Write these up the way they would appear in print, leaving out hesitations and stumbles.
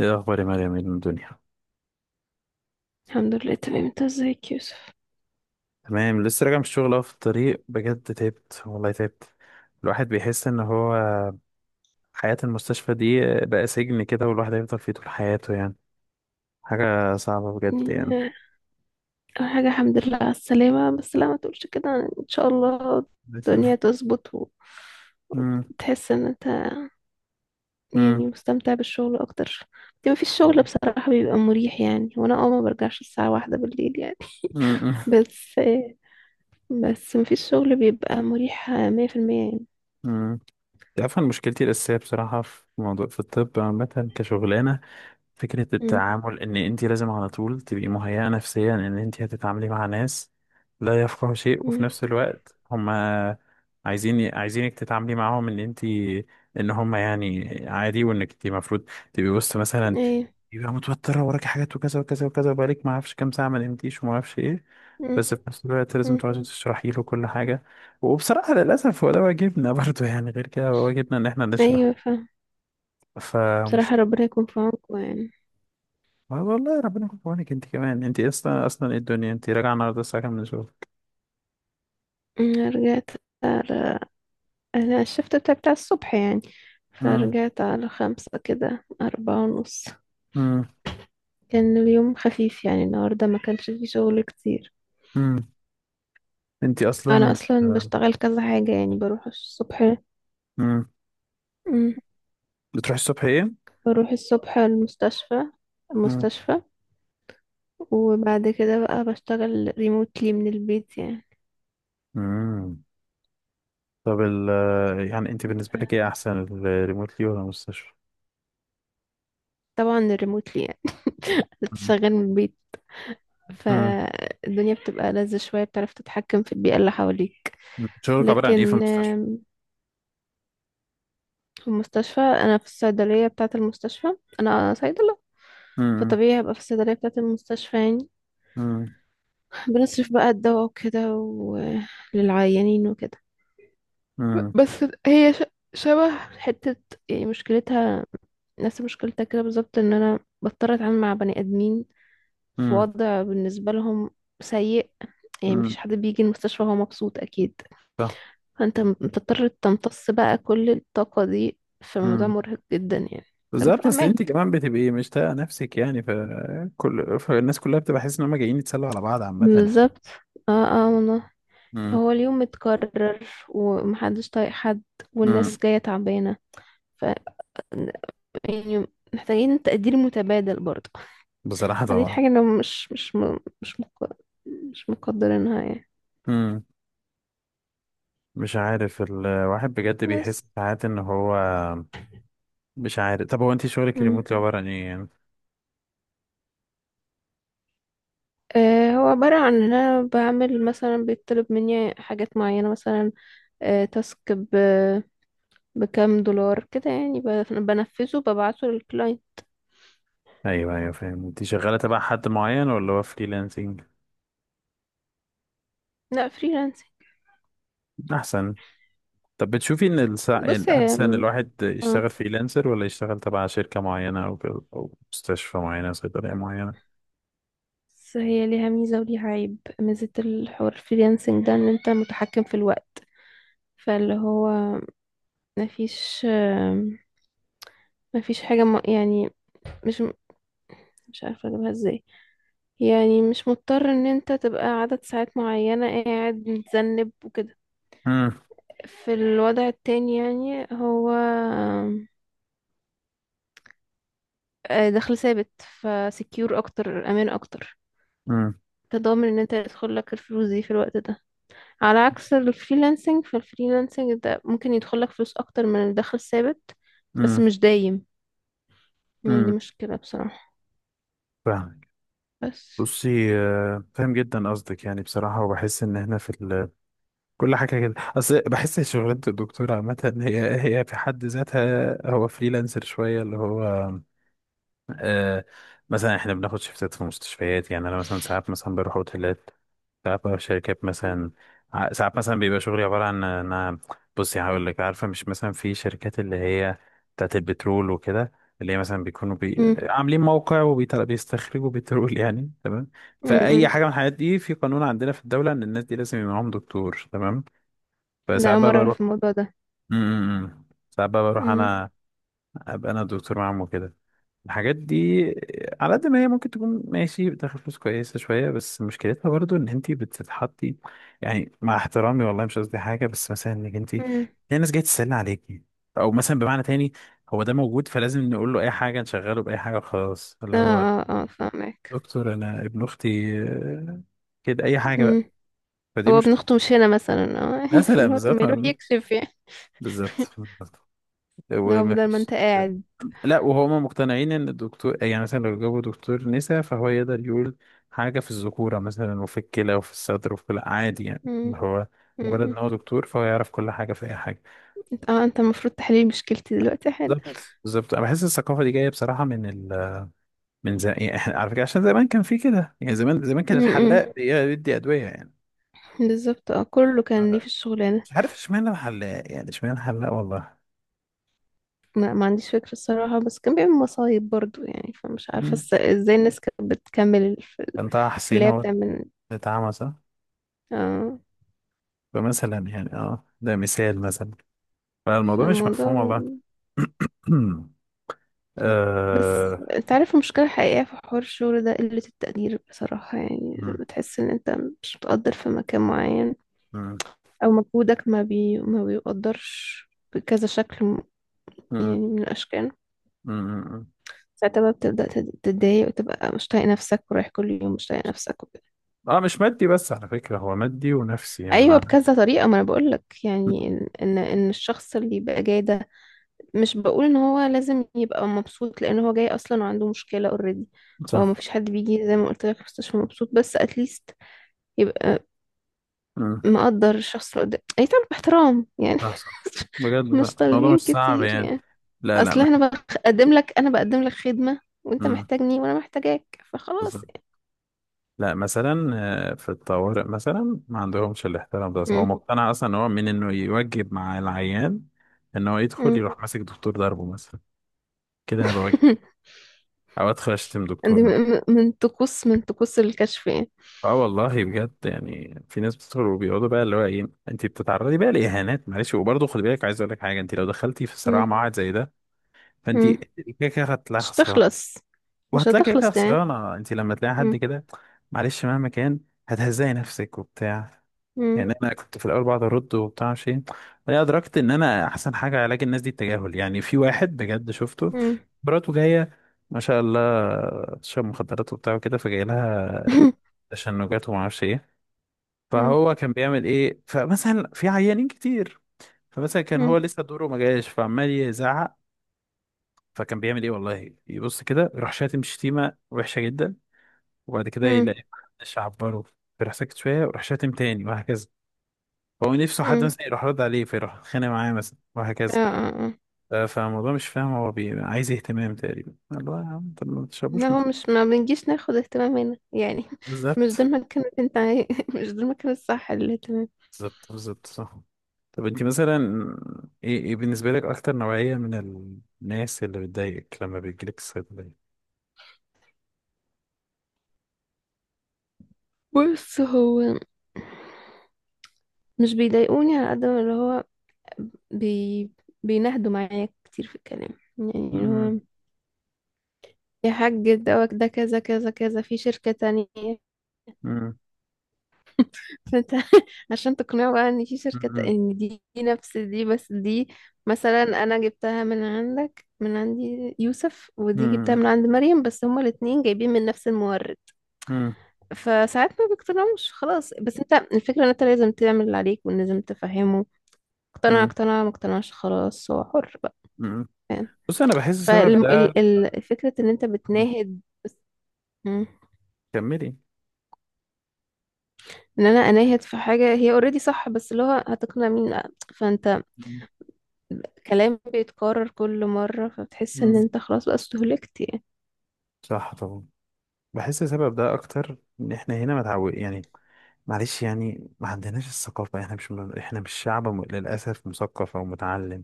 ايه الاخبار يا مريم من الدنيا؟ الحمد لله، تمام. انت ازيك يا يوسف؟ تمام، لسه راجع من الشغل اهو في الطريق، بجد تعبت والله تعبت. الواحد بيحس ان هو حياة المستشفى دي بقى سجن كده، والواحد هيفضل فيه طول حياته يعني. حاجة صعبة بجد يعني، يعني. آه، اول حاجه الحمد لله على السلامه. بس لا ما تقولش كده، يعني ان شاء الله الدنيا تظبط امم. وتحس ان انت امم. يعني مستمتع بالشغل اكتر. دي ما فيش شغل بصراحه بيبقى مريح، يعني وانا ما برجعش الساعه 1 بالليل يعني. امم. بس بس ما فيش شغل بيبقى مريح 100% يعني. امم. تعرف، أنا مشكلتي الأساسية بصراحة في موضوع في الطب عامة كشغلانة فكرة مم. التعامل إن أنت لازم على طول تبقي مهيئة نفسيا إن أنت هتتعاملي مع ناس لا يفقهوا شيء، وفي مم. نفس الوقت هما عايزينك تتعاملي معاهم إن أنت إن هما يعني عادي، وإنك أنت المفروض تبقي وسط مثلا، ايوه. يبقى متوترة وراكي حاجات وكذا وكذا وكذا، وبقالك ما أعرفش كام ساعة ما نمتيش وما أعرفش إيه، مم. بس في نفس الوقت لازم مم. تقعدي تشرحي له كل حاجة. وبصراحة للأسف هو ده واجبنا برضه، يعني غير كده هو واجبنا إن إحنا نشرح. ايوه، فاهم. بصراحه فمشكلة. ربنا يكون في عونكم يعني. ما والله ربنا يكون في عونك انت كمان، انت اصلا اصلا ايه الدنيا، انت راجعه النهارده الساعه كام من الشغل؟ مم. رجعت، أنا الشفت بتاعي بتاع الصبح يعني، امم. فرجعت على 5 كده، 4:30. امم. كان اليوم خفيف يعني، النهاردة ما كانش فيه شغل كتير. امم. انت أنا اصلا. أصلا بشتغل كذا حاجة، يعني بروح الصبح. امم. مم. بتروحي الصبح ايه؟ بروح الصبح المستشفى امم. المستشفى وبعد كده بقى بشتغل ريموتلي من البيت يعني. امم. طب يعني انت ف- بالنسبه لك ايه احسن، الريموتلي ولا المستشفى؟ طبعا الريموتلي، يعني مم. بتشتغل من البيت، مم. فالدنيا بتبقى لذة شوية، بتعرف تتحكم في البيئة اللي حواليك. شغلك عباره عن ايه في لكن المستشفى؟ في المستشفى انا في الصيدليه بتاعه المستشفى، انا صيدله. امم. فطبيعي هبقى في الصيدليه بتاعه المستشفى يعني. امم. بنصرف بقى الدواء وكده، وللعيانين وكده. ب- امم. بس هي ش- شبه حته، يعني مشكلتها نفس مشكلتها كده بالظبط، ان انا بضطر اتعامل مع بني ادمين في امم. وضع بالنسبه لهم سيء. يعني امم. مفيش حد بيجي المستشفى وهو مبسوط اكيد. صح. فانت بتضطر تمتص بقى كل الطاقه دي، فالموضوع امم. مرهق جدا يعني. فانا بالظبط، اصل انت فاهمك، كمان بتبقي مش طايقه نفسك يعني، فكل فالناس كلها بتبقى حاسس ان هم جايين يتسلوا على بعض عامه يعني. بالظبط. اه اه، والله. فهو اليوم متكرر ومحدش طايق حد، والناس امم. جاية تعبانة. ف يعني محتاجين تقدير متبادل برضه. بصراحة فدي طبعا. الحاجة اللي مش مش م- مش مق... مش مقدرينها يعني. امم. مش عارف، الواحد بجد بس. بيحس ساعات ان هو مش عارف. طب هو انت شغلك مم. ريموتلي عبارة عن ايه يعني؟ آه، هو عبارة عن ان انا بعمل مثلا، بيطلب مني حاجات معينة مثلا، تاسك بكام دولار كده يعني، بنفذه ببعته للكلاينت. ايوه ايوه فاهم. انت شغالة تبع حد معين ولا هو فريلانسنج؟ لا، فريلانسنج. احسن. طب بتشوفي ان بص الاحسن الواحد اه يشتغل فريلانسر ولا يشتغل تبع شركة معينة او كده، او مستشفى معينة، صيدلية معينة؟ بس هي ليها ميزة وليها عيب. ميزة الحوار الفريلانسنج ده ان انت متحكم في الوقت. فاللي هو مفيش آم، مفيش حاجة يعني، مش مش عارفة اجيبها ازاي. يعني مش مضطر ان انت تبقى عدد ساعات معينة قاعد متذنب وكده. امم. في الوضع التاني يعني هو آم، آه، دخل ثابت، فسكيور اكتر، امان اكتر، امم. تضامن ان انت يدخل لك الفلوس دي في الوقت ده، على عكس الفريلانسنج. فالفريلانسنج ده ممكن يدخلك فلوس اكتر من الدخل الثابت، بس امم. مش دايم. يعني دي امم. مشكلة بصراحة. فاهمك. بس. بصي فاهم جدا قصدك يعني بصراحة، وبحس ان احنا في كل حاجة كده، أصل بحس شغلانة الدكتور عامة هي هي في حد ذاتها هو فريلانسر شوية، اللي هو آه، مثلا احنا بناخد شيفتات في مستشفيات يعني. أنا مثلا ساعات مثلا بروح أوتيلات، ساعات بروح شركات مثلا، ساعات مثلا بيبقى شغلي عبارة عن إن أنا بصي هقول لك، عارفة مش مثلا في شركات اللي هي بتاعت البترول وكده، اللي هي مثلا بيكونوا امم. عاملين موقع وبيستخرجوا بترول يعني تمام. فأي امم. حاجة من الحاجات دي في قانون عندنا في الدولة إن الناس دي لازم يبقى معاهم دكتور تمام. ده فساعات أول بقى مرة أعرف بروح. الموضوع ده. امم. ساعات بقى بروح امم. انا، ابقى انا الدكتور معاهم وكده. الحاجات دي على قد ما هي ممكن تكون ماشي بتاخد فلوس كويسة شوية، بس مشكلتها برضو ان انت بتتحطي يعني، مع احترامي والله مش قصدي حاجة، بس مثلا انك انت في امم. ناس جاية تسألني عليكي، او مثلا بمعنى تاني، هو ده موجود فلازم نقول له اي حاجة نشغله بأي حاجة خلاص، اللي اه هو اه اه، فاهمك. دكتور انا ابن اختي، كده اي حاجة بقى. امم. فدي هو مش ابن أخته مش هنا مثلا. اه مثلا فاللي هو طب ما بالظبط يروح يكشف يعني. بالظبط بالظبط. لو بدل ما ومفيش. انت قاعد. لا وهما مقتنعين ان الدكتور يعني مثلا لو جابوا دكتور نساء فهو يقدر يقول حاجة في الذكورة مثلا وفي الكلى وفي الصدر وفي كل عادي يعني، اللي امم. هو مجرد امم. ان هو دكتور فهو يعرف كل حاجة في اي حاجة. انت المفروض تحليل مشكلتي دلوقتي حالا. بالظبط بالظبط. انا بحس الثقافة دي جاية بصراحة من من زمان يعني، احنا على فكرة عشان زمان كان في كده يعني، زمان زمان كان امم. الحلاق بيدي أدوية يعني. بالظبط، اه، كله كان ليه في الشغلانة. مش عارف اشمعنى الحلاق يعني، اشمعنى الحلاق والله. ما عنديش فكرة الصراحة، بس كان بيعمل مصايب برضو يعني. فمش عارفة مم. ازاي الناس كانت بتكمل كان طه في اللي حسين هي هو اللي بتعمل. اتعمى، صح. آه. فمثلا يعني اه ده مثال مثلا، في فالموضوع مش مفهوم الموضوع. والله. بس آه. انت عارف المشكلة الحقيقية في حوار الشغل ده قلة التقدير بصراحة. يعني مم. لما تحس ان انت مش متقدر في مكان معين، مم. او مجهودك ما بيقدرش بكذا شكل مم. يعني من الاشكال، مم. مم. ساعتها بقى بتبدأ تتضايق وتبقى مش طايق نفسك ورايح كل يوم مش طايق نفسك. آه، مش مادي بس على فكرة، هو مادي ونفسي يعني ايوه، معنى. بكذا طريقه، ما انا بقول لك مم. يعني ان ان إن الشخص اللي يبقى جاي ده مش بقول ان هو لازم يبقى مبسوط، لان هو جاي اصلا وعنده مشكله اوريدي. فهو صح. ما فيش حد بيجي زي ما قلت لك مستشفى مبسوط، بس اتليست يبقى مم. مقدر الشخص اللي قدام، يتعامل باحترام يعني. صح صح بجد، لا مش الموضوع مش طالبين صعب كتير يعني. يعني. لا لا اصل احنا بقدم لك انا بقدم لك خدمه، وانت مم. محتاجني وانا محتاجاك، فخلاص بالظبط. يعني. لا مثلا آه، في الطوارئ مثلا ما عندهمش الاحترام ده، هو مقتنع اصلا ان هو من انه يوجب مع العيان، ان هو يدخل امم. يروح ماسك دكتور ضربه مثلا، كده انا بوجب، او ادخل اشتم دي دكتور. من طقوس الكشف يعني. اه والله بجد يعني، في ناس بتدخل وبيقعدوا بقى اللي هو ايه، انت بتتعرضي بقى لاهانات، معلش، وبرضه خدي بالك، عايز اقول لك حاجه، انت لو دخلتي في صراع مم. مع واحد زي ده فانت مم. كده كده هتلاقي مش خسران. هتخلص. مش وهتلاقي كده كده هتخلص كمان. خسرانه انت لما تلاقي حد مم. كده، معلش مهما كان هتهزقي نفسك وبتاع مم. يعني. انا كنت في الاول بقعد ارد وبتاع شيء، بعدين ادركت ان انا احسن حاجه علاج الناس دي التجاهل. يعني في واحد بجد شفته، مم. مراته جايه، ما شاء الله، شرب مخدرات وبتاع وكده، فجاي لها تشنجات وما اعرفش ايه. مم. فهو كان بيعمل ايه؟ فمثلا في عيانين كتير، فمثلا كان مم. هو لسه دوره ما جاش فعمال يزعق. فكان بيعمل ايه والله؟ يبص كده يروح شاتم شتيمه وحشه جدا، وبعد كده مم. يلاقي محدش عبره، فيروح ساكت شويه ويروح شاتم تاني، وهكذا. فهو نفسه حد مم. مثلا يروح رد عليه فيروح اتخانق معاه مثلا، اه وهكذا. اه اه. ف- فالموضوع مش فاهم، هو عايز اهتمام تقريبا، الله يا عم طب ما لا، تشربوش مخ. هو مش ما بنجيش ناخد اهتمام هنا يعني. مش بالظبط. ده المكان اللي انت مش ده المكان الصح للاهتمام. بالظبط بالظبط صح. طب انت مثلا ايه ايه بالنسبة لك اكتر نوعية من الناس اللي بتضايقك لما بيجيلك الصيدلية؟ بص، هو مش بيضايقوني على قد ما اللي هو بي... بينهدوا معايا كتير في الكلام. يعني اللي مم. هو يا حاج دوت ده كذا كذا كذا في شركة تانية، مم. فانت عشان تقنعه بقى ان في شركة، مم. ان دي نفس دي بس دي، مثلا انا جبتها من عندك، من عندي يوسف، ودي جبتها مم. من عند مريم، بس هما الاتنين جايبين من نفس المورد. مم. فساعات ما بيقتنعوش خلاص. بس انت الفكرة ان انت لازم تعمل اللي عليك ولازم تفهمه. اقتنع مم. اقتنع، ما اقتنعش خلاص، هو حر بقى. مم. فاهم. بص انا بحس السبب ده. فالفكرة ان انت بتناهد. مم. كملي. ان انا اناهد في حاجة هي اوريدي صح، بس اللي هو هتقنع مين. فانت مم. كلام بيتكرر كل مرة، فبتحس ان مم. انت خلاص بقى استهلكت يعني. صح طبعا. بحس السبب ده اكتر، ان احنا هنا متعود يعني، معلش يعني ما عندناش الثقافة، احنا مش احنا مش شعب للأسف مثقف او متعلم،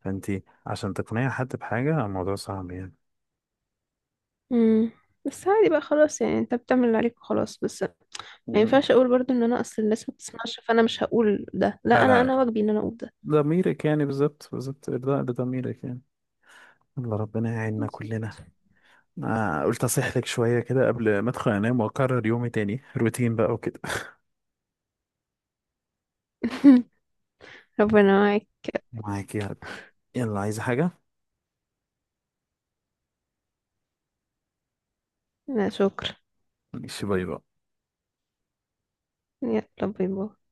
فانت عشان تقنعي حد بحاجة الموضوع صعب يعني. امم. بس عادي بقى خلاص، يعني انت بتعمل اللي عليك وخلاص. بس ما مم. ينفعش اقول برضو ان انا اصل الناس ما بتسمعش، فانا مش هقول ده. لا، لا انا لا واجبي ان انا اقول ده. ضميرك يعني، بالظبط بالظبط، إرضاء لضميرك يعني. الله ربنا يعيننا بس. كلنا. أنا قلت أصيح لك شوية كده قبل ما أدخل أنام، وأكرر يومي تاني روتين بقى وكده. ربنا معاك. معاك يا رب. يلا عايزة حاجة؟ لا شكرا. ماشي، باي باي. يلا باي باي.